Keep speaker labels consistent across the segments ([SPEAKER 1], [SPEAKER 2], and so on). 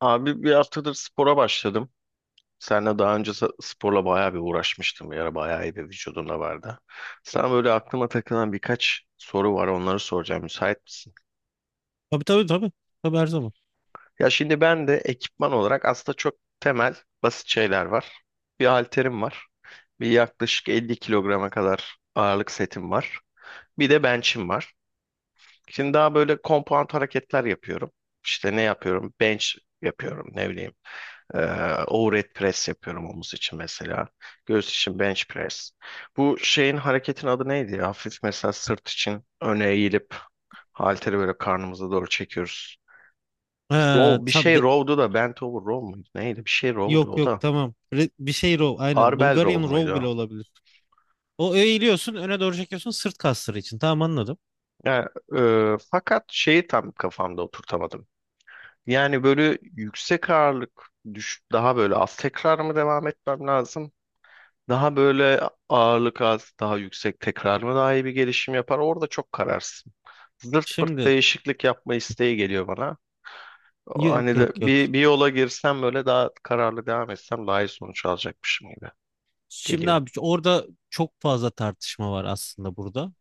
[SPEAKER 1] Abi bir haftadır spora başladım. Senle daha önce sporla bayağı bir uğraşmıştım. Bir ara bayağı iyi bir vücudunda vardı. Sana böyle aklıma takılan birkaç soru var. Onları soracağım. Müsait misin?
[SPEAKER 2] Tabii tabii tabii. Tabii her zaman.
[SPEAKER 1] Ya şimdi ben de ekipman olarak aslında çok temel, basit şeyler var. Bir halterim var. Bir yaklaşık 50 kilograma kadar ağırlık setim var. Bir de bench'im var. Şimdi daha böyle compound hareketler yapıyorum. İşte ne yapıyorum? Bench yapıyorum. Ne bileyim. Overhead press yapıyorum omuz için mesela. Göğüs için bench press. Bu şeyin hareketin adı neydi ya? Hafif mesela sırt için öne eğilip halteri böyle karnımıza doğru çekiyoruz. Row
[SPEAKER 2] Ha,
[SPEAKER 1] bir şey row'du da bent over row muydu? Neydi? Bir şey row'du
[SPEAKER 2] yok
[SPEAKER 1] o
[SPEAKER 2] yok,
[SPEAKER 1] da.
[SPEAKER 2] tamam. Bir şey row, aynen.
[SPEAKER 1] Barbell row
[SPEAKER 2] Bulgarian row bile
[SPEAKER 1] muydu?
[SPEAKER 2] olabilir. O eğiliyorsun, öne doğru çekiyorsun sırt kasları için. Tamam, anladım.
[SPEAKER 1] Yani, fakat şeyi tam kafamda oturtamadım. Yani böyle yüksek ağırlık düş daha böyle az tekrar mı devam etmem lazım? Daha böyle ağırlık az, daha yüksek tekrar mı daha iyi bir gelişim yapar? Orada çok kararsın. Zırt pırt
[SPEAKER 2] Şimdi
[SPEAKER 1] değişiklik yapma isteği geliyor bana. O
[SPEAKER 2] yok
[SPEAKER 1] hani
[SPEAKER 2] yok
[SPEAKER 1] de
[SPEAKER 2] yok.
[SPEAKER 1] bir yola girsem böyle daha kararlı devam etsem daha iyi sonuç alacakmışım gibi
[SPEAKER 2] Şimdi
[SPEAKER 1] geliyor.
[SPEAKER 2] abi orada çok fazla tartışma var aslında burada.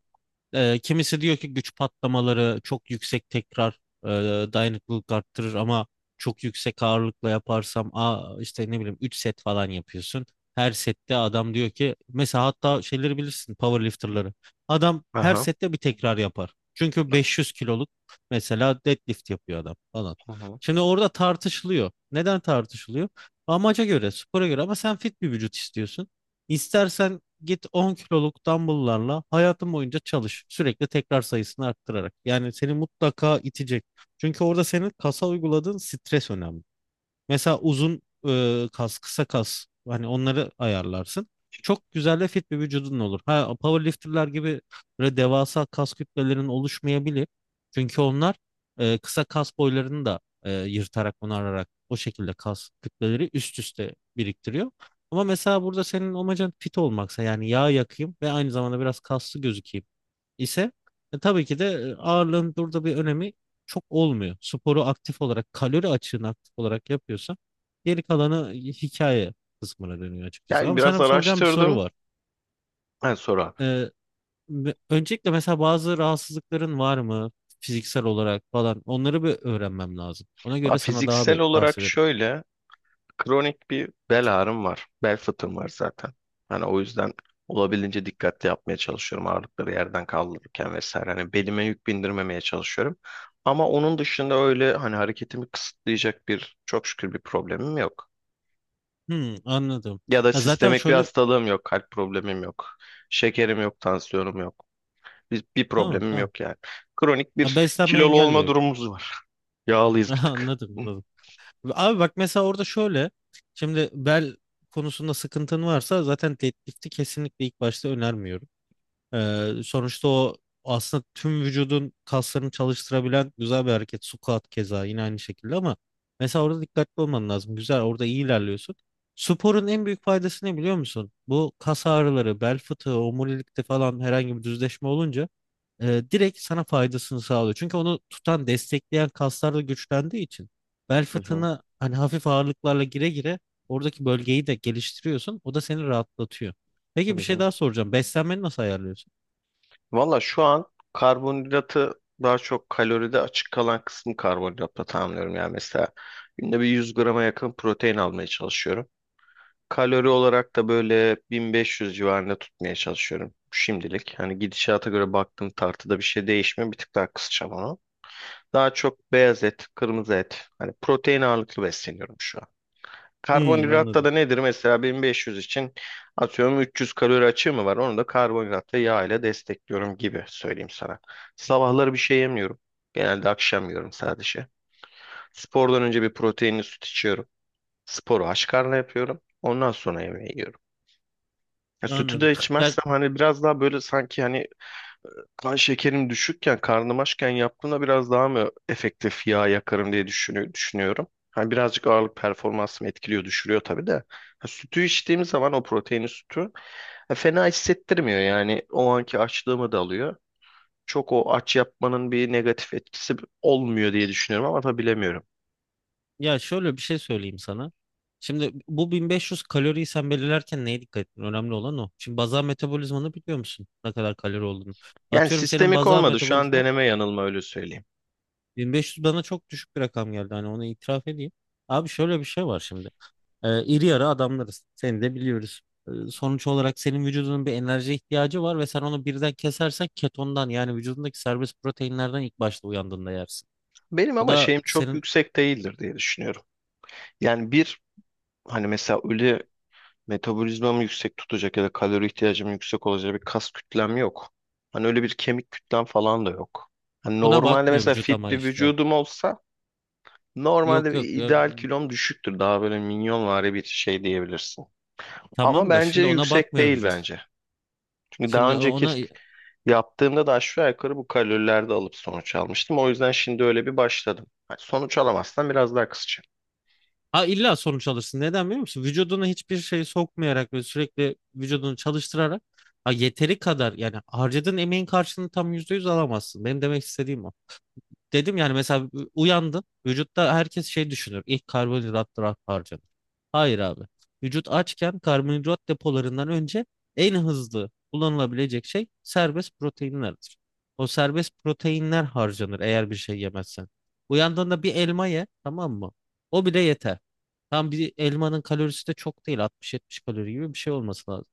[SPEAKER 2] Kimisi diyor ki güç patlamaları çok yüksek tekrar e, dayanıklılık arttırır ama çok yüksek ağırlıkla yaparsam işte ne bileyim 3 set falan yapıyorsun. Her sette adam diyor ki, mesela, hatta şeyleri bilirsin, powerlifterları. Adam her
[SPEAKER 1] Aha.
[SPEAKER 2] sette bir tekrar yapar. Çünkü 500 kiloluk mesela deadlift yapıyor adam falan.
[SPEAKER 1] Hı hı.
[SPEAKER 2] Şimdi orada tartışılıyor. Neden tartışılıyor? Amaca göre, spora göre, ama sen fit bir vücut istiyorsun. İstersen git 10 kiloluk dumbbell'larla hayatın boyunca çalış, sürekli tekrar sayısını arttırarak. Yani seni mutlaka itecek. Çünkü orada senin kasa uyguladığın stres önemli. Mesela uzun kas, kısa kas, hani onları ayarlarsın. Çok güzel ve fit bir vücudun olur. Ha, powerlifterlar gibi böyle devasa kas kütlelerin oluşmayabilir. Çünkü onlar kısa kas boylarını da yırtarak, onararak o şekilde kas kütleleri üst üste biriktiriyor. Ama mesela burada senin amacın fit olmaksa, yani yağ yakayım ve aynı zamanda biraz kaslı gözükeyim ise, tabii ki de ağırlığın burada bir önemi çok olmuyor. Sporu aktif olarak, kalori açığını aktif olarak yapıyorsan geri kalanı hikaye kısmına dönüyor açıkçası.
[SPEAKER 1] Yani
[SPEAKER 2] Ama
[SPEAKER 1] biraz
[SPEAKER 2] sana bir soracağım bir soru
[SPEAKER 1] araştırdım.
[SPEAKER 2] var.
[SPEAKER 1] Ha, sonra.
[SPEAKER 2] E, Öncelikle mesela bazı rahatsızlıkların var mı? Fiziksel olarak falan, onları bir öğrenmem lazım. Ona
[SPEAKER 1] Ha,
[SPEAKER 2] göre sana daha
[SPEAKER 1] fiziksel
[SPEAKER 2] bir
[SPEAKER 1] olarak
[SPEAKER 2] tavsiye veririm.
[SPEAKER 1] şöyle. Kronik bir bel ağrım var. Bel fıtığım var zaten. Hani o yüzden olabildiğince dikkatli yapmaya çalışıyorum ağırlıkları yerden kaldırırken vesaire. Hani belime yük bindirmemeye çalışıyorum. Ama onun dışında öyle hani hareketimi kısıtlayacak bir çok şükür bir problemim yok.
[SPEAKER 2] Hmm, anladım.
[SPEAKER 1] Ya da
[SPEAKER 2] Ya zaten
[SPEAKER 1] sistemik bir
[SPEAKER 2] şöyle,
[SPEAKER 1] hastalığım yok, kalp problemim yok, şekerim yok, tansiyonum yok. Bir
[SPEAKER 2] tamam
[SPEAKER 1] problemim
[SPEAKER 2] tamam.
[SPEAKER 1] yok yani. Kronik
[SPEAKER 2] Ya
[SPEAKER 1] bir
[SPEAKER 2] beslenme
[SPEAKER 1] kilolu
[SPEAKER 2] engel de
[SPEAKER 1] olma
[SPEAKER 2] yok.
[SPEAKER 1] durumumuz var. Yağlıyız bir tık.
[SPEAKER 2] Anladım, anladım. Abi bak mesela orada şöyle. Şimdi bel konusunda sıkıntın varsa zaten deadlift'i kesinlikle ilk başta önermiyorum. Sonuçta o aslında tüm vücudun kaslarını çalıştırabilen güzel bir hareket. Squat keza yine aynı şekilde, ama mesela orada dikkatli olman lazım. Güzel, orada iyi ilerliyorsun. Sporun en büyük faydası ne biliyor musun? Bu kas ağrıları, bel fıtığı, omurilikte falan herhangi bir düzleşme olunca direkt sana faydasını sağlıyor. Çünkü onu tutan, destekleyen kaslar da güçlendiği için bel
[SPEAKER 1] Hı hı,
[SPEAKER 2] fıtığına hani hafif ağırlıklarla gire gire oradaki bölgeyi de geliştiriyorsun. O da seni rahatlatıyor.
[SPEAKER 1] hı
[SPEAKER 2] Peki bir şey
[SPEAKER 1] hı.
[SPEAKER 2] daha soracağım. Beslenmeni nasıl ayarlıyorsun?
[SPEAKER 1] Valla şu an karbonhidratı daha çok kaloride açık kalan kısmı karbonhidratla tamamlıyorum. Yani mesela günde bir 100 grama yakın protein almaya çalışıyorum. Kalori olarak da böyle 1500 civarında tutmaya çalışıyorum şimdilik. Hani gidişata göre baktım tartıda bir şey değişmiyor. Bir tık daha kısacağım onu. Daha çok beyaz et, kırmızı et. Hani protein ağırlıklı besleniyorum şu an.
[SPEAKER 2] Hmm,
[SPEAKER 1] Karbonhidratta
[SPEAKER 2] anladım.
[SPEAKER 1] da nedir? Mesela 1500 için atıyorum 300 kalori açığı mı var? Onu da karbonhidratta yağ ile destekliyorum gibi söyleyeyim sana. Sabahları bir şey yemiyorum. Genelde akşam yiyorum sadece. Spordan önce bir proteinli süt içiyorum. Sporu aç karnına yapıyorum. Ondan sonra yemeği yiyorum. Ya sütü
[SPEAKER 2] Anladım.
[SPEAKER 1] de
[SPEAKER 2] Ya,
[SPEAKER 1] içmezsem hani biraz daha böyle sanki hani kan şekerim düşükken, karnım açken yaptığımda biraz daha mı efektif yağ yakarım diye düşünüyorum. Hani birazcık ağırlık performansımı etkiliyor, düşürüyor tabii de. Ha, sütü içtiğim zaman o proteinli sütü ha, fena hissettirmiyor yani. O anki açlığımı da alıyor. Çok o aç yapmanın bir negatif etkisi olmuyor diye düşünüyorum ama tabii bilemiyorum.
[SPEAKER 2] ya, şöyle bir şey söyleyeyim sana. Şimdi bu 1500 kaloriyi sen belirlerken neye dikkat ettin? Önemli olan o. Şimdi bazal metabolizmanı biliyor musun? Ne kadar kalori olduğunu.
[SPEAKER 1] Yani
[SPEAKER 2] Atıyorum senin
[SPEAKER 1] sistemik
[SPEAKER 2] bazal
[SPEAKER 1] olmadı. Şu an
[SPEAKER 2] metabolizma
[SPEAKER 1] deneme yanılma öyle söyleyeyim.
[SPEAKER 2] 1500 bana çok düşük bir rakam geldi. Hani onu itiraf edeyim. Abi şöyle bir şey var şimdi. İri yarı adamlarız. Seni de biliyoruz. Sonuç olarak senin vücudunun bir enerji ihtiyacı var ve sen onu birden kesersen ketondan, yani vücudundaki serbest proteinlerden ilk başta uyandığında yersin.
[SPEAKER 1] Benim
[SPEAKER 2] Bu
[SPEAKER 1] ama
[SPEAKER 2] da
[SPEAKER 1] şeyim çok
[SPEAKER 2] senin
[SPEAKER 1] yüksek değildir diye düşünüyorum. Yani bir hani mesela öyle metabolizmamı yüksek tutacak ya da kalori ihtiyacım yüksek olacak bir kas kütlem yok. Hani öyle bir kemik kütlem falan da yok. Hani
[SPEAKER 2] Ona
[SPEAKER 1] normalde
[SPEAKER 2] bakmıyor
[SPEAKER 1] mesela
[SPEAKER 2] vücut
[SPEAKER 1] fit
[SPEAKER 2] ama
[SPEAKER 1] bir
[SPEAKER 2] işte.
[SPEAKER 1] vücudum olsa normalde
[SPEAKER 2] Yok
[SPEAKER 1] bir
[SPEAKER 2] yok.
[SPEAKER 1] ideal kilom düşüktür. Daha böyle minyonvari bir şey diyebilirsin. Ama
[SPEAKER 2] Tamam da
[SPEAKER 1] bence
[SPEAKER 2] şimdi ona
[SPEAKER 1] yüksek
[SPEAKER 2] bakmıyor
[SPEAKER 1] değil
[SPEAKER 2] vücut.
[SPEAKER 1] bence. Çünkü daha
[SPEAKER 2] Şimdi
[SPEAKER 1] önceki
[SPEAKER 2] ona
[SPEAKER 1] yaptığımda da aşağı yukarı bu kalorilerde alıp sonuç almıştım. O yüzden şimdi öyle bir başladım. Hani sonuç alamazsan biraz daha kısaca.
[SPEAKER 2] Ha, illa sonuç alırsın. Neden biliyor musun? Vücuduna hiçbir şey sokmayarak ve sürekli vücudunu çalıştırarak, ha, yeteri kadar, yani harcadığın emeğin karşılığını tam %100 alamazsın. Benim demek istediğim o. Dedim yani, mesela uyandım. Vücutta herkes şey düşünür. İlk karbonhidratlar harcanır. Hayır abi. Vücut açken karbonhidrat depolarından önce en hızlı kullanılabilecek şey serbest proteinlerdir. O serbest proteinler harcanır eğer bir şey yemezsen. Uyandığında bir elma ye, tamam mı? O bile yeter. Tam bir elmanın kalorisi de çok değil, 60-70 kalori gibi bir şey olması lazım.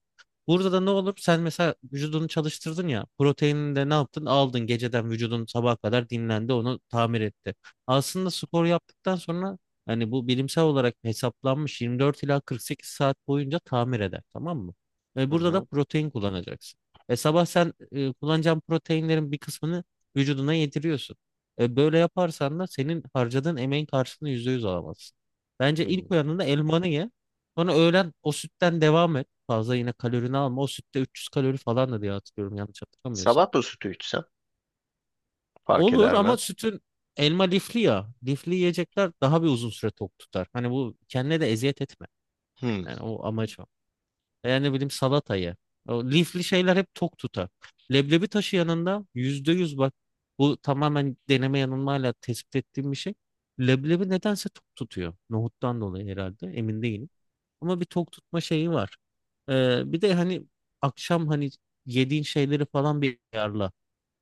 [SPEAKER 2] Burada da ne olur? Sen mesela vücudunu çalıştırdın ya. Proteinini de ne yaptın? Aldın geceden, vücudun sabaha kadar dinlendi, onu tamir etti. Aslında spor yaptıktan sonra, hani bu bilimsel olarak hesaplanmış, 24 ila 48 saat boyunca tamir eder, tamam mı? Ve
[SPEAKER 1] Hı
[SPEAKER 2] burada da
[SPEAKER 1] hı.
[SPEAKER 2] protein kullanacaksın. E sabah sen kullanacağın proteinlerin bir kısmını vücuduna yediriyorsun. Böyle yaparsan da senin harcadığın emeğin karşılığını %100 alamazsın. Bence ilk
[SPEAKER 1] Hı.
[SPEAKER 2] uyandığında elmanı ye. Sonra öğlen o sütten devam et, fazla yine kalorini alma. O sütte 300 kalori falan da diye hatırlıyorum yanlış hatırlamıyorsam.
[SPEAKER 1] Sabah da sütü içsem fark
[SPEAKER 2] Olur
[SPEAKER 1] eder mi?
[SPEAKER 2] ama sütün, elma lifli ya. Lifli yiyecekler daha bir uzun süre tok tutar. Hani bu, kendine de eziyet etme.
[SPEAKER 1] Hı.
[SPEAKER 2] Yani o amaç o. Yani ne bileyim salata ye. O lifli şeyler hep tok tutar. Leblebi taşı yanında yüzde yüz bak, bu tamamen deneme yanılmayla tespit ettiğim bir şey. Leblebi nedense tok tutuyor. Nohuttan dolayı herhalde, emin değilim. Ama bir tok tutma şeyi var. Bir de hani akşam hani yediğin şeyleri falan bir ayarla.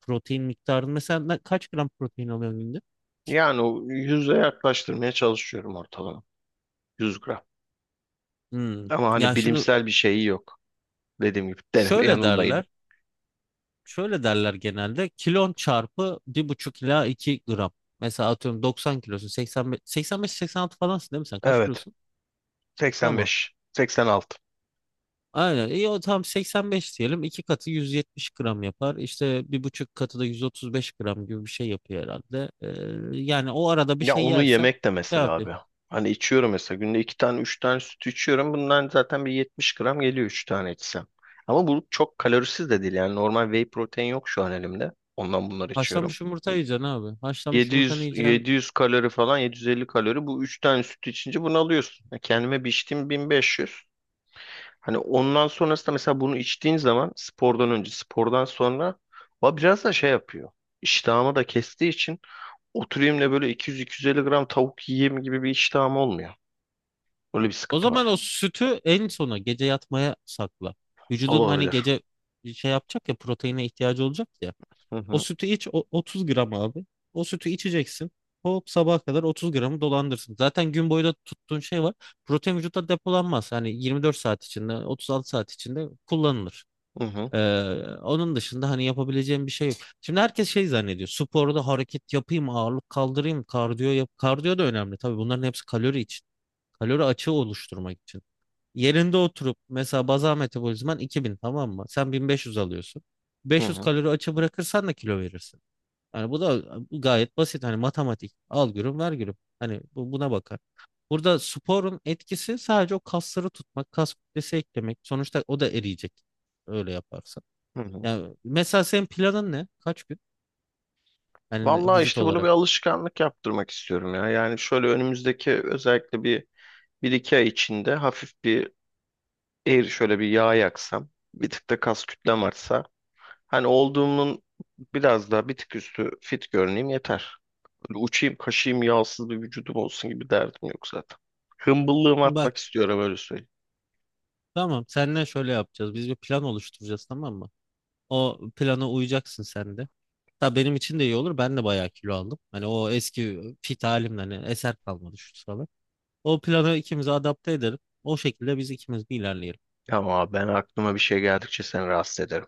[SPEAKER 2] Protein miktarını mesela, kaç gram protein alıyorsun günde?
[SPEAKER 1] Yani o yüze yaklaştırmaya çalışıyorum ortalama. 100 gram.
[SPEAKER 2] Hmm.
[SPEAKER 1] Ama hani
[SPEAKER 2] Ya şimdi
[SPEAKER 1] bilimsel bir şeyi yok. Dediğim gibi deneme
[SPEAKER 2] şöyle
[SPEAKER 1] yanılmaydı.
[SPEAKER 2] derler. Şöyle derler genelde. Kilon çarpı bir buçuk ila 2 gram. Mesela atıyorum 90 kilosun. 85, 85-86 falansın değil mi sen? Kaç
[SPEAKER 1] Evet.
[SPEAKER 2] kilosun? Tamam.
[SPEAKER 1] 85. 86.
[SPEAKER 2] Aynen. İyi, o tam 85 diyelim. İki katı 170 gram yapar. İşte bir buçuk katı da 135 gram gibi bir şey yapıyor herhalde. Yani o arada bir
[SPEAKER 1] Ya
[SPEAKER 2] şey
[SPEAKER 1] onu
[SPEAKER 2] yersen
[SPEAKER 1] yemek de mesela
[SPEAKER 2] kafi.
[SPEAKER 1] abi. Hani içiyorum mesela günde iki tane üç tane süt içiyorum. Bundan zaten bir 70 gram geliyor üç tane içsem. Ama bu çok kalorisiz de değil yani normal whey protein yok şu an elimde. Ondan bunları içiyorum.
[SPEAKER 2] Haşlanmış yumurta yiyeceksin abi. Haşlanmış
[SPEAKER 1] Yedi
[SPEAKER 2] yumurtanı
[SPEAKER 1] yüz
[SPEAKER 2] yiyeceksin.
[SPEAKER 1] yedi yüz kalori falan 750 kalori bu üç tane süt içince bunu alıyorsun. Ya kendime bir içtiğim 1500. Hani ondan sonrasında mesela bunu içtiğin zaman spordan önce spordan sonra o biraz da şey yapıyor. İştahımı da kestiği için oturayım da böyle 200-250 gram tavuk yiyeyim gibi bir iştahım olmuyor. Öyle bir
[SPEAKER 2] O
[SPEAKER 1] sıkıntı
[SPEAKER 2] zaman
[SPEAKER 1] var.
[SPEAKER 2] o sütü en sona, gece yatmaya sakla. Vücudun hani
[SPEAKER 1] Olabilir.
[SPEAKER 2] gece şey yapacak ya, proteine ihtiyacı olacak ya.
[SPEAKER 1] Hı
[SPEAKER 2] O
[SPEAKER 1] hı,
[SPEAKER 2] sütü iç, 30 gram abi. O sütü içeceksin. Hop sabaha kadar 30 gramı dolandırsın. Zaten gün boyu da tuttuğun şey var. Protein vücutta depolanmaz. Hani 24 saat içinde, 36 saat içinde kullanılır.
[SPEAKER 1] hı hı,
[SPEAKER 2] Ee, Onun dışında hani yapabileceğim bir şey yok. Şimdi herkes şey zannediyor. Sporda hareket yapayım, ağırlık kaldırayım, kardiyo yap. Kardiyo da önemli. Tabii bunların hepsi kalori için. Kalori açığı oluşturmak için. Yerinde oturup mesela bazal metabolizman 2000, tamam mı? Sen 1500 alıyorsun.
[SPEAKER 1] hı
[SPEAKER 2] 500
[SPEAKER 1] hı,
[SPEAKER 2] kalori açığı bırakırsan da kilo verirsin. Yani bu da gayet basit. Hani matematik. Al gülüm ver gülüm. Hani bu, buna bakar. Burada sporun etkisi sadece o kasları tutmak, kas kütlesi eklemek. Sonuçta o da eriyecek. Öyle yaparsan.
[SPEAKER 1] hı hı.
[SPEAKER 2] Yani mesela senin planın ne? Kaç gün? Hani
[SPEAKER 1] Vallahi
[SPEAKER 2] vücut
[SPEAKER 1] işte bunu bir
[SPEAKER 2] olarak.
[SPEAKER 1] alışkanlık yaptırmak istiyorum ya. Yani şöyle önümüzdeki özellikle bir iki ay içinde hafif bir eğri şöyle bir yağ yaksam. Bir tık da kas kütlem artsa. Hani olduğumun biraz daha bir tık üstü fit görüneyim yeter. Böyle uçayım kaşıyım yağsız bir vücudum olsun gibi derdim yok zaten. Hımbıllığımı
[SPEAKER 2] Bak,
[SPEAKER 1] atmak istiyorum öyle.
[SPEAKER 2] tamam, seninle şöyle yapacağız. Biz bir plan oluşturacağız, tamam mı? O plana uyacaksın sen de. Tabii benim için de iyi olur. Ben de bayağı kilo aldım. Hani o eski fit halimden hani eser kalmadı şu sıralar. O planı ikimize adapte edelim. O şekilde biz ikimiz bir ilerleyelim.
[SPEAKER 1] Ama ben aklıma bir şey geldikçe seni rahatsız ederim.